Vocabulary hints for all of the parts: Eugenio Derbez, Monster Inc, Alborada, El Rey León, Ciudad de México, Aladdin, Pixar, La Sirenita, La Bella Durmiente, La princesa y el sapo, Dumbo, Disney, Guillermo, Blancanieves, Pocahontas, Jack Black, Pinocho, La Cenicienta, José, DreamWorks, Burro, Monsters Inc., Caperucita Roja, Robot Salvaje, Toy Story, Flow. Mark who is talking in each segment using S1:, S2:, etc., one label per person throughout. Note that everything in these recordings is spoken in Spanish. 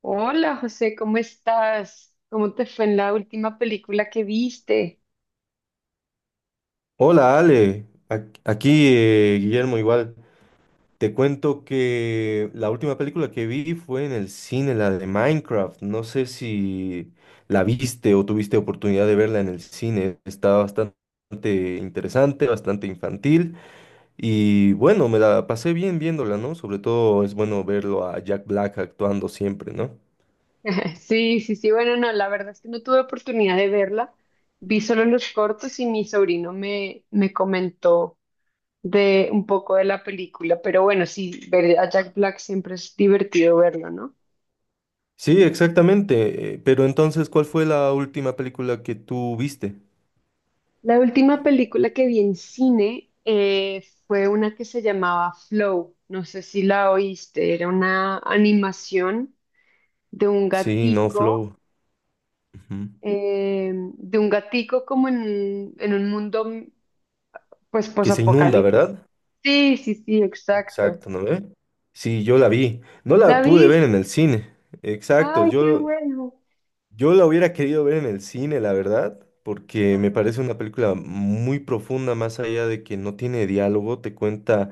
S1: Hola José, ¿cómo estás? ¿Cómo te fue en la última película que viste?
S2: Hola Ale, aquí Guillermo igual. Te cuento que la última película que vi fue en el cine, la de Minecraft. No sé si la viste o tuviste oportunidad de verla en el cine. Está bastante interesante, bastante infantil y bueno, me la pasé bien viéndola, ¿no? Sobre todo es bueno verlo a Jack Black actuando siempre, ¿no?
S1: Sí, sí, sí, bueno, no, la verdad es que no tuve oportunidad de verla. Vi solo los cortos y mi sobrino me comentó de un poco de la película, pero bueno, sí, ver a Jack Black siempre es divertido verlo, ¿no?
S2: Sí, exactamente. Pero entonces, ¿cuál fue la última película que tú viste?
S1: La última película que vi en cine fue una que se llamaba Flow, no sé si la oíste, era una animación de un
S2: Sí, no,
S1: gatico
S2: Flow. Ujú.
S1: en un mundo pues
S2: ¿Que se inunda,
S1: posapocalíptico.
S2: verdad?
S1: Sí, sí, sí, exacto.
S2: Exacto, ¿no ve? Sí, yo la vi. No
S1: ¿La
S2: la pude ver
S1: viste?
S2: en el cine. Exacto,
S1: Ay, qué
S2: yo,
S1: bueno.
S2: yo la hubiera querido ver en el cine, la verdad, porque me
S1: Ajá.
S2: parece una película muy profunda, más allá de que no tiene diálogo, te cuenta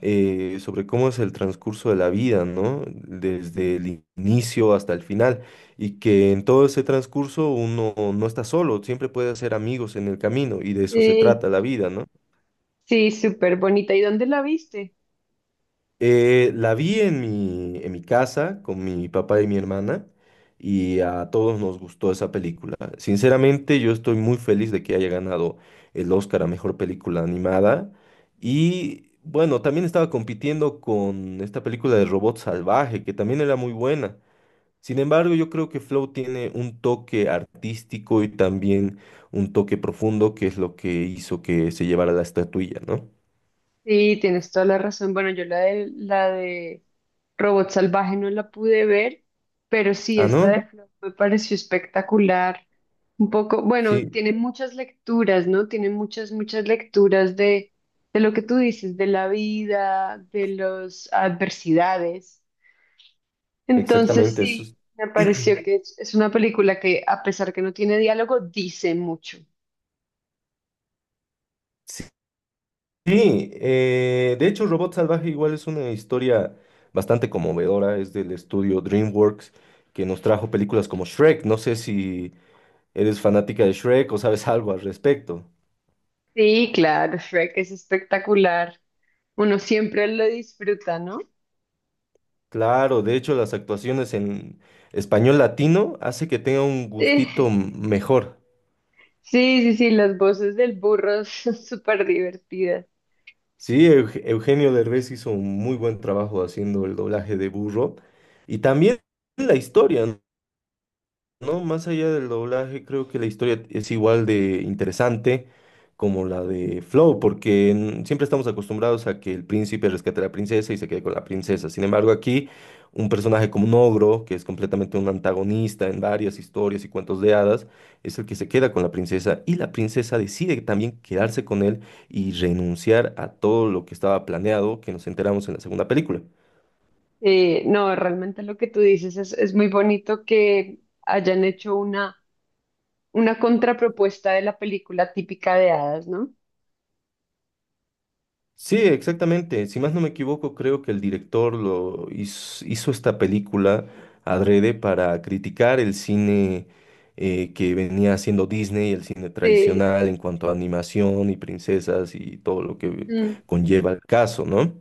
S2: sobre cómo es el transcurso de la vida, ¿no? Desde el inicio hasta el final, y que en todo ese transcurso uno no está solo, siempre puede hacer amigos en el camino, y de eso se
S1: Sí,
S2: trata la vida, ¿no?
S1: sí, súper bonita. ¿Y dónde la viste?
S2: La vi en mi casa con mi papá y mi hermana y a todos nos gustó esa película. Sinceramente, yo estoy muy feliz de que haya ganado el Oscar a Mejor Película Animada y bueno, también estaba compitiendo con esta película de Robot Salvaje que también era muy buena. Sin embargo, yo creo que Flow tiene un toque artístico y también un toque profundo que es lo que hizo que se llevara la estatuilla, ¿no?
S1: Sí, tienes toda la razón. Bueno, yo la de Robot Salvaje no la pude ver, pero sí,
S2: Ah,
S1: esta
S2: ¿no?
S1: de Flow me pareció espectacular. Un poco, bueno,
S2: Sí,
S1: tiene muchas lecturas, ¿no? Tiene muchas, muchas lecturas de lo que tú dices, de la vida, de las adversidades. Entonces,
S2: exactamente.
S1: sí, me pareció que es una película que, a pesar que no tiene diálogo, dice mucho.
S2: Es- Sí, de hecho Robot Salvaje igual es una historia bastante conmovedora, es del estudio DreamWorks que nos trajo películas como Shrek, no sé si eres fanática de Shrek o sabes algo al respecto.
S1: Sí, claro, Shrek es espectacular. Uno siempre lo disfruta, ¿no?
S2: Claro, de hecho las actuaciones en español latino hace que tenga un gustito
S1: Sí.
S2: mejor.
S1: Sí, sí, sí, las voces del burro son súper divertidas.
S2: Sí, Eugenio Derbez hizo un muy buen trabajo haciendo el doblaje de Burro y también la historia, ¿no? No, más allá del doblaje, creo que la historia es igual de interesante como la de Flow, porque siempre estamos acostumbrados a que el príncipe rescate a la princesa y se quede con la princesa. Sin embargo, aquí un personaje como un ogro, que es completamente un antagonista en varias historias y cuentos de hadas, es el que se queda con la princesa y la princesa decide también quedarse con él y renunciar a todo lo que estaba planeado, que nos enteramos en la segunda película.
S1: No, realmente lo que tú dices es muy bonito que hayan hecho una contrapropuesta de la película típica de hadas, ¿no?
S2: Sí, exactamente. Si más no me equivoco, creo que el director hizo esta película adrede para criticar el cine que venía haciendo Disney, el cine
S1: Sí.
S2: tradicional en cuanto a animación y princesas y todo lo que
S1: Mm.
S2: conlleva el caso, ¿no?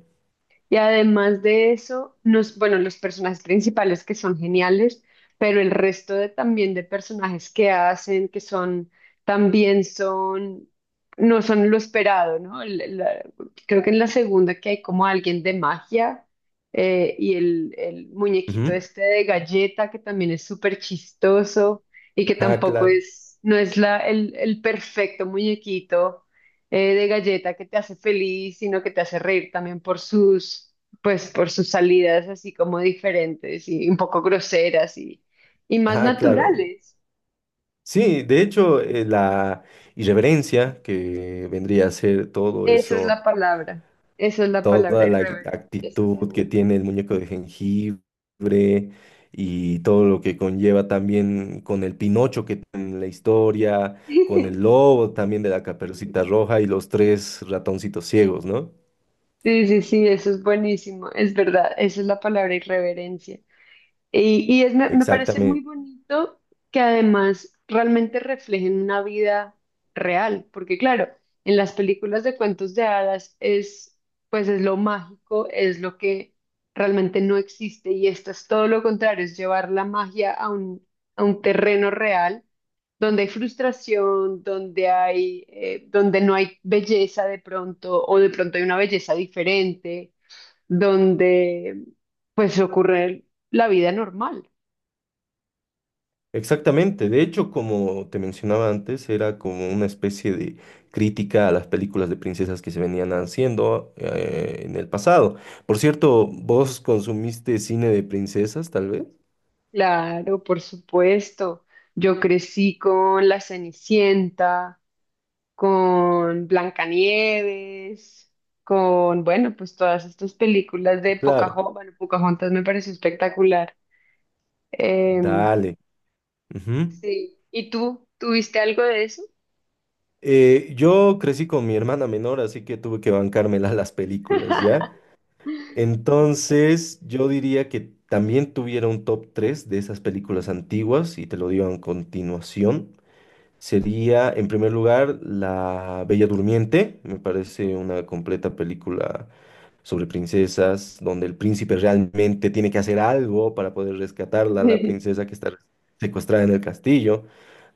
S1: Y además de eso, nos, bueno, los personajes principales que son geniales, pero el resto de, también de personajes que hacen, que son, también son, no son lo esperado, ¿no? Creo que en la segunda que hay como alguien de magia y el muñequito
S2: Ujú.
S1: este de galleta que también es súper chistoso y que
S2: Ah,
S1: tampoco
S2: claro.
S1: es, no es el perfecto muñequito de galleta que te hace feliz, sino que te hace reír también por sus, pues, por sus salidas así como diferentes y un poco groseras y más
S2: Ah, claro.
S1: naturales.
S2: Sí, de hecho, la irreverencia que vendría a ser todo
S1: Esa es
S2: eso,
S1: la palabra, esa es la palabra
S2: toda la
S1: irreverente. Sí,
S2: actitud
S1: sí.
S2: que tiene el muñeco de jengibre y todo lo que conlleva también con el Pinocho que tiene en la historia, con el lobo también de la Caperucita Roja y los tres ratoncitos ciegos, ¿no?
S1: Sí, sí, sí, eso es buenísimo, es verdad, esa es la palabra irreverencia. Me parece muy
S2: Exactamente.
S1: bonito que además realmente reflejen una vida real, porque claro, en las películas de cuentos de hadas es, pues es lo mágico, es lo que realmente no existe y esto es todo lo contrario, es llevar la magia a un terreno real donde hay frustración, donde hay, donde no hay belleza de pronto o de pronto hay una belleza diferente donde pues ocurre la vida normal.
S2: Exactamente, de hecho, como te mencionaba antes, era como una especie de crítica a las películas de princesas que se venían haciendo en el pasado. Por cierto, ¿vos consumiste cine de princesas, tal vez?
S1: Claro, por supuesto. Yo crecí con La Cenicienta, con Blancanieves, con, bueno, pues todas estas películas de
S2: Claro.
S1: Pocahontas. Bueno, Pocahontas me pareció espectacular. Em,
S2: Dale. Ujú.
S1: sí. ¿Y tú? ¿Tuviste algo de eso?
S2: Yo crecí con mi hermana menor, así que tuve que bancármela a las películas, ¿ya? Entonces, yo diría que también tuviera un top 3 de esas películas antiguas y te lo digo a continuación. Sería, en primer lugar, La Bella Durmiente. Me parece una completa película sobre princesas, donde el príncipe realmente tiene que hacer algo para poder rescatarla, la princesa que está secuestrada en el castillo.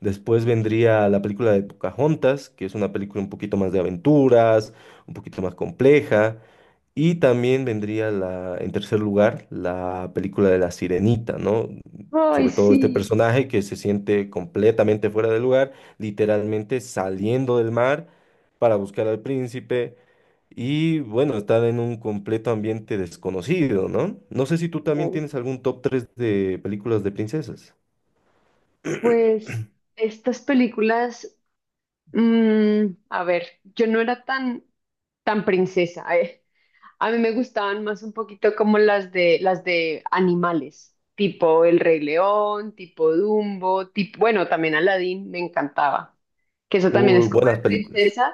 S2: Después vendría la película de Pocahontas, que es una película un poquito más de aventuras, un poquito más compleja. Y también vendría la, en tercer lugar, la película de La Sirenita, ¿no?
S1: Ay,
S2: Sobre todo este
S1: sí.
S2: personaje que se siente completamente fuera de lugar, literalmente saliendo del mar para buscar al príncipe y bueno, estar en un completo ambiente desconocido, ¿no? No sé si tú también tienes algún top 3 de películas de princesas.
S1: Pues estas películas a ver, yo no era tan, tan princesa, eh. A mí me gustaban más un poquito como las de animales, tipo El Rey León, tipo Dumbo, tipo, bueno, también Aladdin me encantaba, que eso también
S2: Uy,
S1: es como de
S2: buenas películas.
S1: princesa,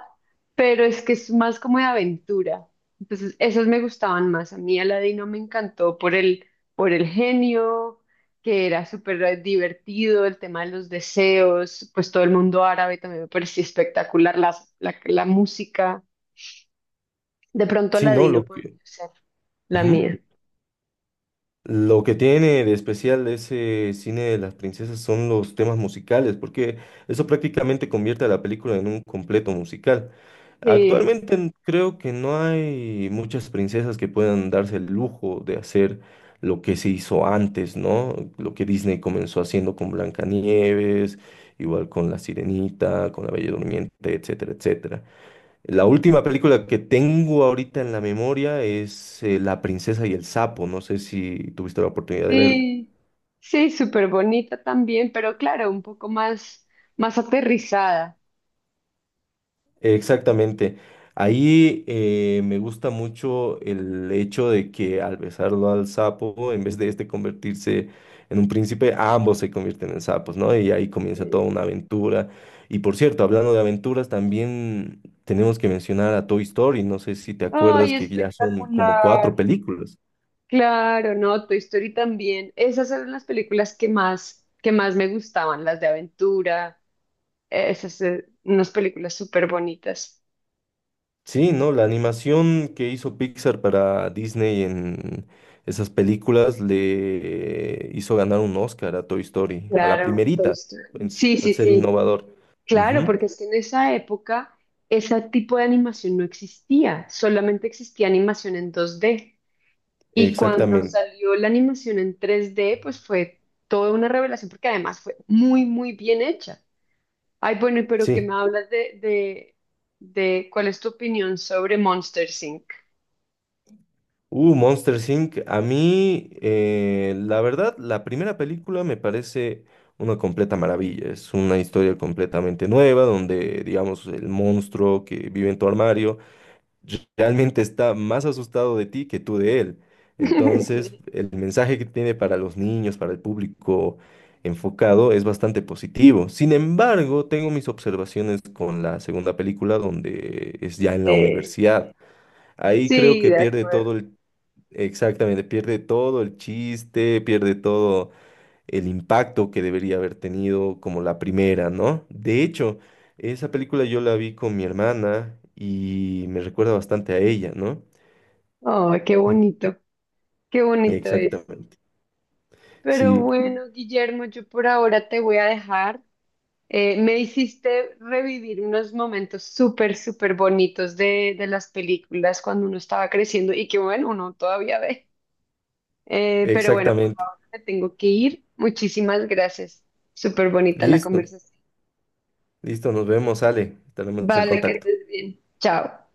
S1: pero es que es más como de aventura. Entonces, esas me gustaban más. A mí Aladdin no me encantó por el genio, que era súper divertido, el tema de los deseos, pues todo el mundo árabe también me parecía espectacular, la música. De pronto
S2: Sí,
S1: la
S2: ¿no?
S1: Dino
S2: Lo
S1: podría
S2: que...
S1: ser la
S2: Ujú.
S1: mía.
S2: Lo que tiene de especial ese cine de las princesas son los temas musicales, porque eso prácticamente convierte a la película en un completo musical.
S1: Sí,
S2: Actualmente creo que no hay muchas princesas que puedan darse el lujo de hacer lo que se hizo antes, ¿no? Lo que Disney comenzó haciendo con Blancanieves, igual con La Sirenita, con La Bella Durmiente, etcétera, etcétera. La última película que tengo ahorita en la memoria es La princesa y el sapo. No sé si tuviste la oportunidad de verla.
S1: sí, sí, súper bonita también, pero claro, un poco más, más aterrizada.
S2: Exactamente. Ahí me gusta mucho el hecho de que al besarlo al sapo, en vez de este convertirse en un príncipe, ambos se convierten en sapos, ¿no? Y ahí comienza toda
S1: Eh,
S2: una aventura. Y por cierto, hablando de aventuras, también tenemos que mencionar a Toy Story. No sé si te acuerdas
S1: Ay,
S2: que ya son como
S1: espectacular.
S2: cuatro películas.
S1: Claro, no, Toy Story también. Esas eran las películas que más me gustaban, las de aventura. Esas, unas películas súper bonitas.
S2: Sí, ¿no? La animación que hizo Pixar para Disney en esas películas le hizo ganar un Oscar a Toy Story, a la
S1: Claro, Toy
S2: primerita,
S1: Story.
S2: en
S1: Sí,
S2: al
S1: sí,
S2: ser
S1: sí.
S2: innovador.
S1: Claro,
S2: Ujú,
S1: porque es que en esa época ese tipo de animación no existía, solamente existía animación en 2D. Y cuando
S2: exactamente,
S1: salió la animación en 3D, pues fue toda una revelación, porque además fue muy, muy bien hecha. Ay, bueno, y pero que me
S2: sí.
S1: hablas de cuál es tu opinión sobre Monster Inc.
S2: Monsters Inc. A mí, la verdad, la primera película me parece una completa maravilla. Es una historia completamente nueva donde, digamos, el monstruo que vive en tu armario realmente está más asustado de ti que tú de él. Entonces, el mensaje que tiene para los niños, para el público enfocado, es bastante positivo. Sin embargo, tengo mis observaciones con la segunda película, donde es ya en
S1: Sí,
S2: la universidad. Ahí creo
S1: sí,
S2: que
S1: de
S2: pierde
S1: acuerdo.
S2: todo el, exactamente, pierde todo el chiste, pierde todo el impacto que debería haber tenido como la primera, ¿no? De hecho, esa película yo la vi con mi hermana y me recuerda bastante a ella, ¿no?
S1: Oh, qué bonito eso.
S2: Exactamente.
S1: Pero
S2: Sí,
S1: bueno, Guillermo, yo por ahora te voy a dejar. Me hiciste revivir unos momentos súper, súper bonitos de las películas cuando uno estaba creciendo y que bueno, uno todavía ve. Pero bueno, por
S2: exactamente.
S1: ahora me tengo que ir. Muchísimas gracias. Súper bonita la
S2: Listo,
S1: conversación.
S2: listo, nos vemos, Ale, estaremos en
S1: Vale, que
S2: contacto.
S1: estés bien. Chao.